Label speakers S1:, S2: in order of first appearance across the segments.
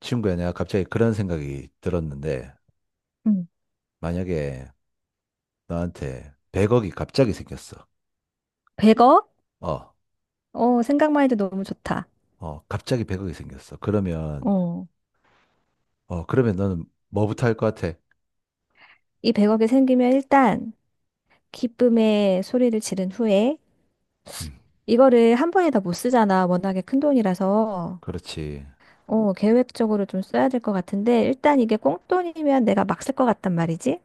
S1: 친구야, 내가 갑자기 그런 생각이 들었는데,
S2: 음.
S1: 만약에 너한테 100억이 갑자기 생겼어.
S2: 100억?
S1: 어,
S2: 어, 생각만 해도 너무 좋다.
S1: 어, 갑자기 100억이 생겼어. 그러면,
S2: 어,
S1: 어, 그러면 너는 뭐부터 할 것 같아?
S2: 이 100억이 생기면 일단 기쁨의 소리를 지른 후에
S1: 음,
S2: 이거를 한 번에 다 못 쓰잖아. 워낙에 큰 돈이라서.
S1: 그렇지.
S2: 어, 계획적으로 좀 써야 될 것 같은데 일단 이게 꽁돈이면 내가 막 쓸 것 같단 말이지.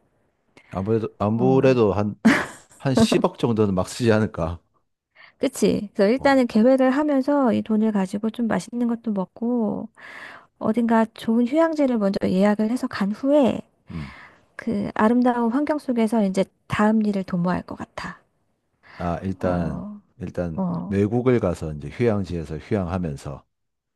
S1: 아무래도,
S2: 어,
S1: 아무래도 한 10억 정도는 막 쓰지 않을까?
S2: 그치? 그래서
S1: 어,
S2: 일단은 계획을 하면서 이 돈을 가지고 좀 맛있는 것도 먹고 어딘가 좋은 휴양지를 먼저 예약을 해서 간 후에
S1: 음.
S2: 그 아름다운 환경 속에서 이제 다음 일을 도모할 것 같아.
S1: 아, 일단,
S2: 어,
S1: 일단,
S2: 어,
S1: 외국을 가서 이제 휴양지에서 휴양하면서,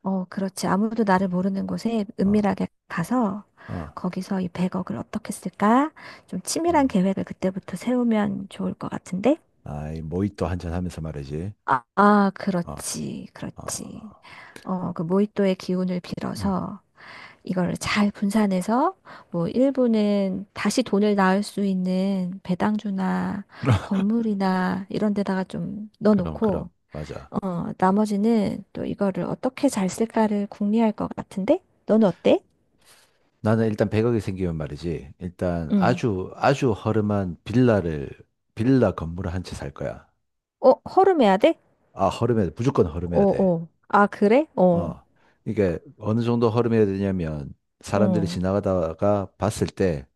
S2: 어, 그렇지. 아무도
S1: 어,
S2: 나를 모르는 곳에
S1: 어,
S2: 은밀하게 가서
S1: 어,
S2: 거기서 이 100억을 어떻게 쓸까? 좀 치밀한
S1: 어.
S2: 계획을 그때부터 세우면 좋을 것 같은데?
S1: 아이, 모히또 한잔 하면서 말이지.
S2: 아, 아,
S1: 어,
S2: 그렇지. 그렇지.
S1: 어,
S2: 어, 그 모히또의 기운을
S1: 음.
S2: 빌어서 이걸 잘 분산해서 뭐 일부는 다시 돈을 낳을 수 있는 배당주나 건물이나 이런 데다가 좀
S1: 그럼, 그럼.
S2: 넣어놓고
S1: 맞아.
S2: 어, 나머지는 또 이거를 어떻게 잘 쓸까를 궁리할 것 같은데? 너는 어때?
S1: 나는 일단 100억이 생기면 말이지. 일단
S2: 응.
S1: 아주, 아주 허름한 빌라를, 빌라 건물을 한 채 살 거야.
S2: 어, 허름해야 돼?
S1: 아, 허름해야 돼. 무조건
S2: 어,
S1: 허름해야 돼.
S2: 어. 아, 그래? 어,
S1: 어. 이게 어느 정도 허름해야 되냐면 사람들이
S2: 어,
S1: 지나가다가 봤을 때,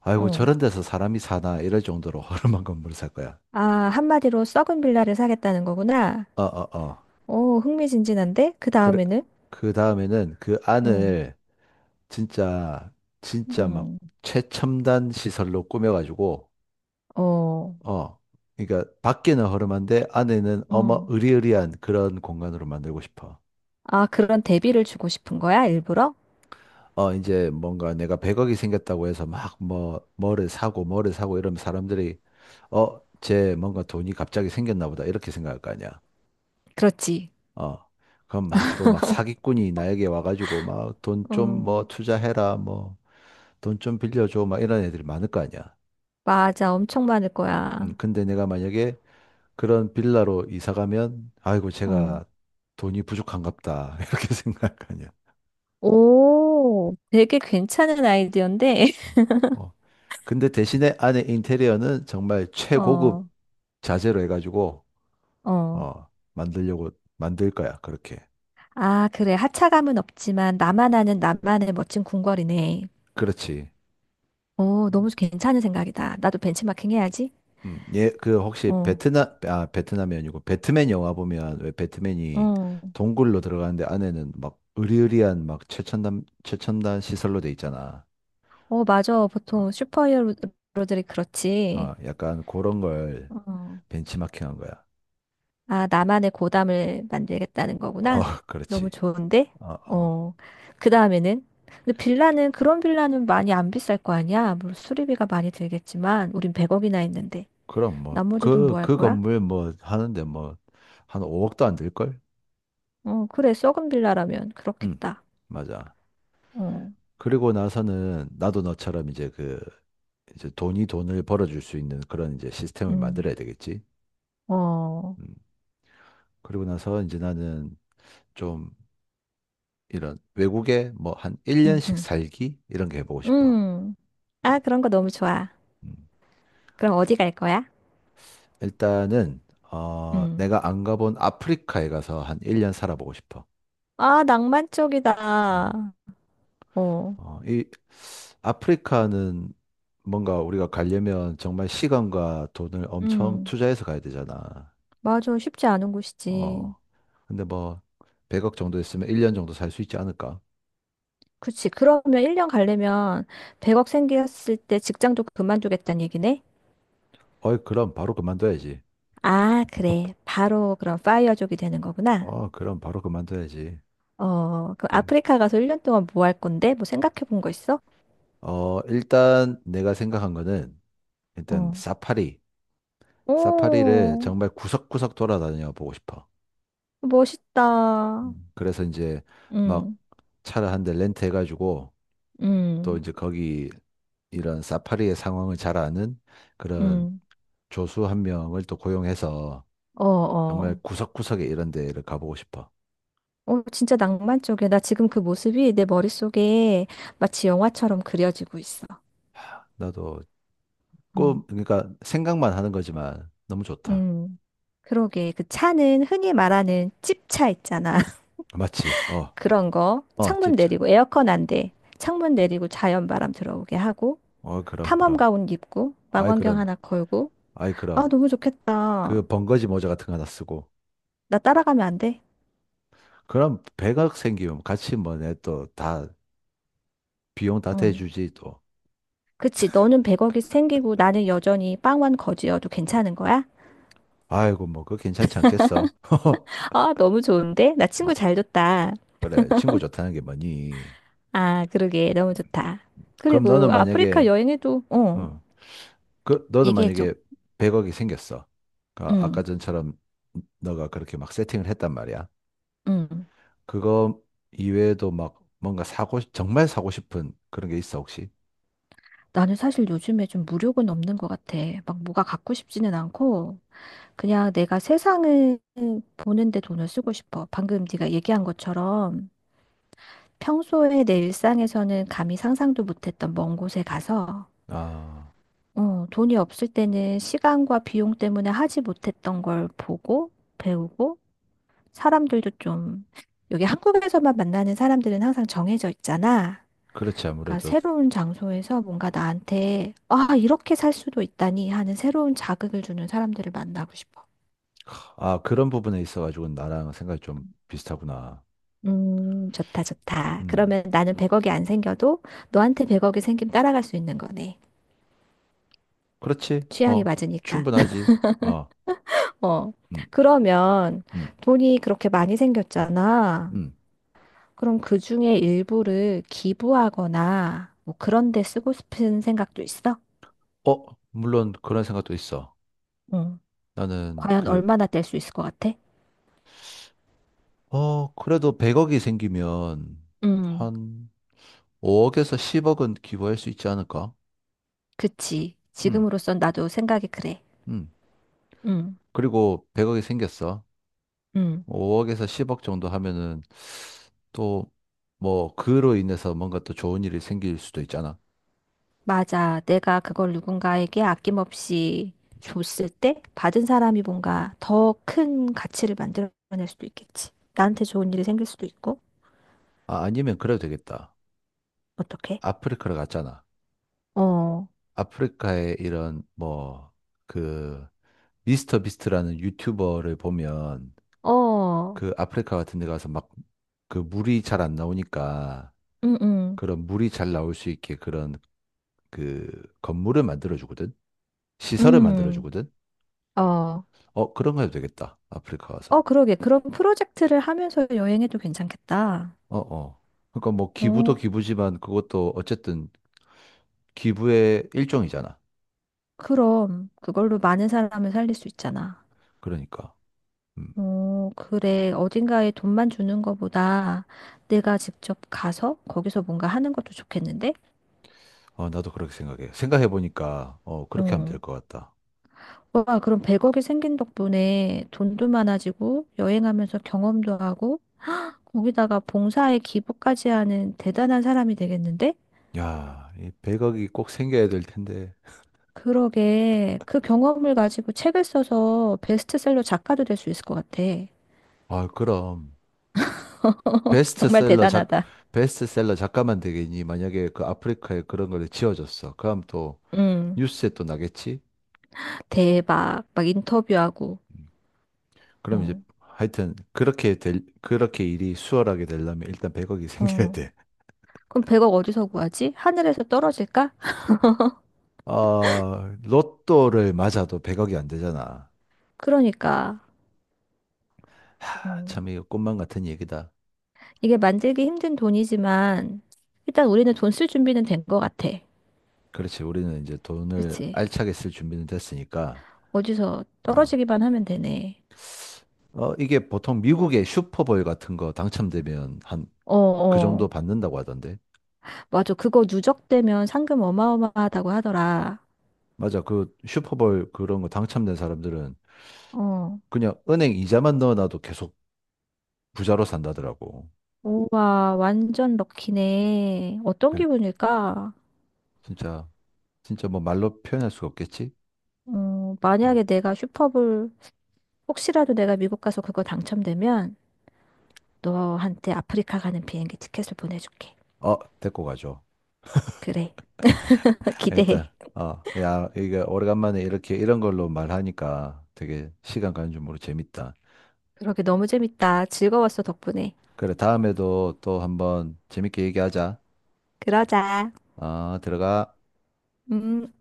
S1: 아이고,
S2: 어.
S1: 저런 데서 사람이 사나 이럴 정도로 허름한 건물을 살 거야.
S2: 아, 한마디로 썩은 빌라를 사겠다는 거구나.
S1: 어, 어, 어.
S2: 어, 흥미진진한데? 그
S1: 그래.
S2: 다음에는?
S1: 그 다음에는 그
S2: 응,
S1: 안을 진짜, 진짜 막
S2: 응,
S1: 최첨단 시설로 꾸며가지고,
S2: 어,
S1: 어, 그러니까 밖에는 허름한데 안에는 어마
S2: 어.
S1: 으리으리한 그런 공간으로 만들고 싶어.
S2: 아, 그런 대비를 주고 싶은 거야, 일부러?
S1: 어, 이제 뭔가 내가 100억이 생겼다고 해서 막 뭐를 사고 뭐를 사고 이러면 사람들이 어, 쟤 뭔가 돈이 갑자기 생겼나 보다 이렇게 생각할 거 아니야.
S2: 그렇지.
S1: 어, 그럼 막 또 막 사기꾼이 나에게 와가지고 막 돈 좀 뭐
S2: 어,
S1: 투자해라 뭐 돈 좀 빌려줘 막 이런 애들이 많을 거 아니야.
S2: 맞아. 엄청 많을 거야.
S1: 근데 내가 만약에 그런 빌라로 이사 가면, 아이고,
S2: 어.
S1: 제가 돈이 부족한갑다. 이렇게 생각하냐.
S2: 오, 되게 괜찮은 아이디어인데?
S1: 어. 어. 근데 대신에 안에 인테리어는 정말 최고급
S2: 어.
S1: 자재로 해가지고,
S2: 어.
S1: 어, 만들 거야. 그렇게.
S2: 아, 그래. 하차감은 없지만 나만 아는 나만의 멋진 궁궐이네.
S1: 그렇지.
S2: 어, 너무 괜찮은 생각이다. 나도 벤치마킹 해야지.
S1: 예, 그 혹시
S2: 어,
S1: 베트남, 아, 베트남이 아니고 배트맨 영화 보면 왜 배트맨이
S2: 어,
S1: 동굴로 들어가는데 안에는 막 으리으리한 막 최첨단, 최첨단 시설로 돼 있잖아.
S2: 어, 맞아. 보통 슈퍼히어로들이 그렇지.
S1: 어, 약간 그런 걸
S2: 어.
S1: 벤치마킹한 거야.
S2: 아, 나만의 고담을 만들겠다는
S1: 어,
S2: 거구나. 너무
S1: 그렇지.
S2: 좋은데?
S1: 어, 어.
S2: 어. 그 다음에는? 근데 빌라는, 그런 빌라는 많이 안 비쌀 거 아니야? 물론 수리비가 많이 들겠지만, 우린 100억이나 했는데.
S1: 그럼 뭐,
S2: 나머지 돈 뭐
S1: 그,
S2: 할
S1: 그
S2: 거야?
S1: 건물 뭐 하는데 뭐, 한 5억도 안 들걸?
S2: 어, 그래. 썩은 빌라라면
S1: 응,
S2: 그렇겠다.
S1: 맞아.
S2: 어.
S1: 그리고 나서는 나도 너처럼 이제 이제 돈이 돈을 벌어줄 수 있는 그런 이제 시스템을
S2: 음,
S1: 만들어야 되겠지.
S2: 어,
S1: 음. 그리고 나서 이제 나는 좀 이런 외국에 뭐 한
S2: 음,
S1: 1년씩
S2: 음,
S1: 살기? 이런 게 해보고 싶어.
S2: 음. 아,
S1: 음,
S2: 그런 거 너무 좋아.
S1: 음.
S2: 그럼 어디 갈 거야?
S1: 일단은, 어,
S2: 음.
S1: 내가 안 가본 아프리카에 가서 한 1년 살아보고 싶어.
S2: 아, 낭만
S1: 어,
S2: 쪽이다. 어,
S1: 어, 아프리카는 뭔가 우리가 가려면 정말 시간과 돈을 엄청
S2: 음.
S1: 투자해서 가야 되잖아.
S2: 맞아. 쉽지 않은 곳이지.
S1: 어. 근데 뭐 100억 정도 있으면 1년 정도 살 수 있지 않을까?
S2: 그치. 그러면 1년 가려면 100억 생겼을 때 직장도 그만두겠다는 얘기네?
S1: 어이, 그럼 바로 그만둬야지.
S2: 아, 그래. 바로 그럼 파이어족이 되는 거구나.
S1: 어, 그럼 바로 그만둬야지.
S2: 어, 그
S1: 음.
S2: 아프리카 가서 1년 동안 뭐 할 건데? 뭐 생각해 본 거 있어?
S1: 어, 일단 내가 생각한 거는 일단
S2: 어.
S1: 사파리. 사파리를
S2: 오,
S1: 정말 구석구석 돌아다녀 보고 싶어.
S2: 멋있다.
S1: 음. 그래서 이제 막
S2: 음,
S1: 차를 한 대 렌트해가지고 또
S2: 음.
S1: 이제 거기 이런 사파리의 상황을 잘 아는 그런
S2: 음,
S1: 조수 한 명을 또 고용해서
S2: 어,
S1: 정말
S2: 어.
S1: 구석구석에 이런 데를 가보고 싶어.
S2: 어, 진짜 낭만적이야. 나 지금 그 모습이 내 머릿속에 마치 영화처럼 그려지고 있어.
S1: 나도
S2: 어.
S1: 그러니까 생각만 하는 거지만 너무 좋다.
S2: 음, 그러게. 그 차는 흔히 말하는 찝차 있잖아.
S1: 맞지? 어,
S2: 그런 거.
S1: 어,
S2: 창문
S1: 집차.
S2: 내리고, 에어컨 안 돼. 창문 내리고 자연 바람 들어오게 하고,
S1: 어, 그럼,
S2: 탐험
S1: 그럼.
S2: 가운 입고,
S1: 아이,
S2: 망원경
S1: 그럼.
S2: 하나 걸고.
S1: 아이,
S2: 아,
S1: 그럼.
S2: 너무 좋겠다.
S1: 그 번거지 모자 같은 거 하나 쓰고.
S2: 나 따라가면 안 돼?
S1: 그럼 100억 생기면 같이 뭐 내 또 다 비용 다
S2: 응.
S1: 대주지 또.
S2: 그치. 너는 100억이 생기고 나는 여전히 빵원 거지여도 괜찮은 거야?
S1: 아이고, 뭐, 그거 괜찮지 않겠어?
S2: 아, 너무 좋은데? 나 친구
S1: 어,
S2: 잘 줬다.
S1: 그래, 친구 좋다는 게 뭐니?
S2: 아, 그러게. 너무 좋다.
S1: 그럼
S2: 그리고
S1: 너는
S2: 아프리카
S1: 만약에,
S2: 여행에도, 어,
S1: 어, 그, 너는
S2: 얘기해줘.
S1: 만약에 100억이 생겼어. 그러니까 아까
S2: 응,
S1: 전처럼 너가 그렇게 막 세팅을 했단 말이야.
S2: 응.
S1: 그거 이외에도 막 뭔가 사고, 정말 사고 싶은 그런 게 있어, 혹시?
S2: 나는 사실 요즘에 좀 무력은 없는 것 같아. 막 뭐가 갖고 싶지는 않고 그냥 내가 세상을 보는데 돈을 쓰고 싶어. 방금 네가 얘기한 것처럼 평소에 내 일상에서는 감히 상상도 못했던 먼 곳에 가서
S1: 아,
S2: 어, 돈이 없을 때는 시간과 비용 때문에 하지 못했던 걸 보고 배우고 사람들도 좀, 여기 한국에서만 만나는 사람들은 항상 정해져 있잖아.
S1: 그렇지,
S2: 그러니까
S1: 아무래도.
S2: 새로운 장소에서 뭔가 나한테, 아, 이렇게 살 수도 있다니 하는 새로운 자극을 주는 사람들을 만나고 싶어.
S1: 아, 그런 부분에 있어가지고 나랑 생각이 좀 비슷하구나.
S2: 좋다, 좋다.
S1: 음,
S2: 그러면 나는 100억이 안 생겨도 너한테 100억이 생기면 따라갈 수 있는 거네.
S1: 그렇지.
S2: 취향이
S1: 어,
S2: 맞으니까.
S1: 충분하지. 어,
S2: 어.
S1: 음,
S2: 그러면
S1: 음,
S2: 돈이 그렇게 많이 생겼잖아.
S1: 음.
S2: 그럼 그 중에 일부를 기부하거나 뭐 그런 데 쓰고 싶은 생각도 있어?
S1: 어, 물론 그런 생각도 있어.
S2: 응.
S1: 나는
S2: 과연 얼마나 뗄 수 있을 것 같아?
S1: 그래도 100억이 생기면
S2: 음,
S1: 한 5억에서 10억은 기부할 수 있지 않을까?
S2: 그치.
S1: 음,
S2: 지금으로선 나도 생각이 그래.
S1: 음.
S2: 음,
S1: 그리고 100억이 생겼어.
S2: 음,
S1: 5억에서 10억 정도 하면은 또 뭐 그로 인해서 뭔가 또 좋은 일이 생길 수도 있잖아.
S2: 맞아. 내가 그걸 누군가에게 아낌없이 줬을 때 받은 사람이 뭔가 더 큰 가치를 만들어낼 수도 있겠지. 나한테 좋은 일이 생길 수도 있고.
S1: 아, 아니면 그래도 되겠다.
S2: 어떻게
S1: 아프리카를 갔잖아.
S2: 어,
S1: 아프리카에 이런 뭐 그 미스터 비스트라는 유튜버를 보면
S2: 어,
S1: 그 아프리카 같은 데 가서 막 그 물이 잘 안 나오니까
S2: 음, 음,
S1: 그런 물이 잘 나올 수 있게 그런 그 건물을 만들어 주거든. 시설을 만들어
S2: 음,
S1: 주거든.
S2: 어.
S1: 어, 그런 거 해도 되겠다. 아프리카
S2: 어,
S1: 와서.
S2: 그러게. 그런 프로젝트를 하면서 여행해도 괜찮겠다.
S1: 어, 어. 그러니까 뭐 기부도
S2: 어,
S1: 기부지만 그것도 어쨌든 기부의 일종이잖아.
S2: 그럼 그걸로 많은 사람을 살릴 수 있잖아.
S1: 그러니까. 음.
S2: 어, 그래. 어딘가에 돈만 주는 것보다 내가 직접 가서 거기서 뭔가 하는 것도 좋겠는데?
S1: 어, 나도 그렇게 생각해. 생각해 보니까 어, 그렇게 하면
S2: 어.
S1: 될 것 같다.
S2: 와, 그럼 100억이 생긴 덕분에 돈도 많아지고 여행하면서 경험도 하고 거기다가 봉사에 기부까지 하는 대단한 사람이 되겠는데?
S1: 야, 이 100억이 꼭 생겨야 될 텐데.
S2: 그러게. 그 경험을 가지고 책을 써서 베스트셀러 작가도 될 수 있을 것 같아.
S1: 아, 그럼
S2: 정말
S1: 베스트셀러 작
S2: 대단하다.
S1: 베스트셀러 작가만 되겠니? 만약에 그 아프리카에 그런 걸 지어줬어. 그럼 또
S2: 응.
S1: 뉴스에 또 나겠지?
S2: 대박. 막 인터뷰하고.
S1: 음. 그럼 이제
S2: 어.
S1: 하여튼 그렇게 일이 수월하게 되려면 일단 100억이 생겨야
S2: 어.
S1: 돼.
S2: 그럼 100억 어디서 구하지? 하늘에서 떨어질까?
S1: 어, 로또를 맞아도 100억이 안 되잖아.
S2: 그러니까.
S1: 하,
S2: 어.
S1: 참 이거 꿈만 같은 얘기다.
S2: 이게 만들기 힘든 돈이지만, 일단 우리는 돈 쓸 준비는 된 것 같아.
S1: 그렇지. 우리는 이제 돈을
S2: 그치?
S1: 알차게 쓸 준비는 됐으니까.
S2: 어디서
S1: 어,
S2: 떨어지기만 하면 되네.
S1: 어 이게 보통 미국의 슈퍼볼 같은 거 당첨되면 한
S2: 어,
S1: 그 정도
S2: 어.
S1: 받는다고 하던데.
S2: 맞아. 그거 누적되면 상금 어마어마하다고 하더라.
S1: 맞아. 그 슈퍼볼 그런 거 당첨된 사람들은
S2: 어.
S1: 그냥 은행 이자만 넣어놔도 계속 부자로 산다더라고.
S2: 우와, 완전 럭키네. 어떤
S1: 예,
S2: 기분일까?
S1: 진짜 진짜 뭐 말로 표현할 수가 없겠지?
S2: 어,
S1: 음.
S2: 만약에 내가 슈퍼볼, 혹시라도 내가 미국 가서 그거 당첨되면 너한테 아프리카 가는 비행기 티켓을 보내줄게.
S1: 어, 데리고 가죠.
S2: 그래. 기대해.
S1: 일단, 어, 야, 이게 오래간만에 이렇게 이런 걸로 말하니까 되게 시간 가는 줄 모르고 재밌다.
S2: 그러게 너무 재밌다. 즐거웠어, 덕분에.
S1: 그래, 다음에도 또 한번 재밌게 얘기하자.
S2: 그러자.
S1: 아, 들어가.
S2: 음.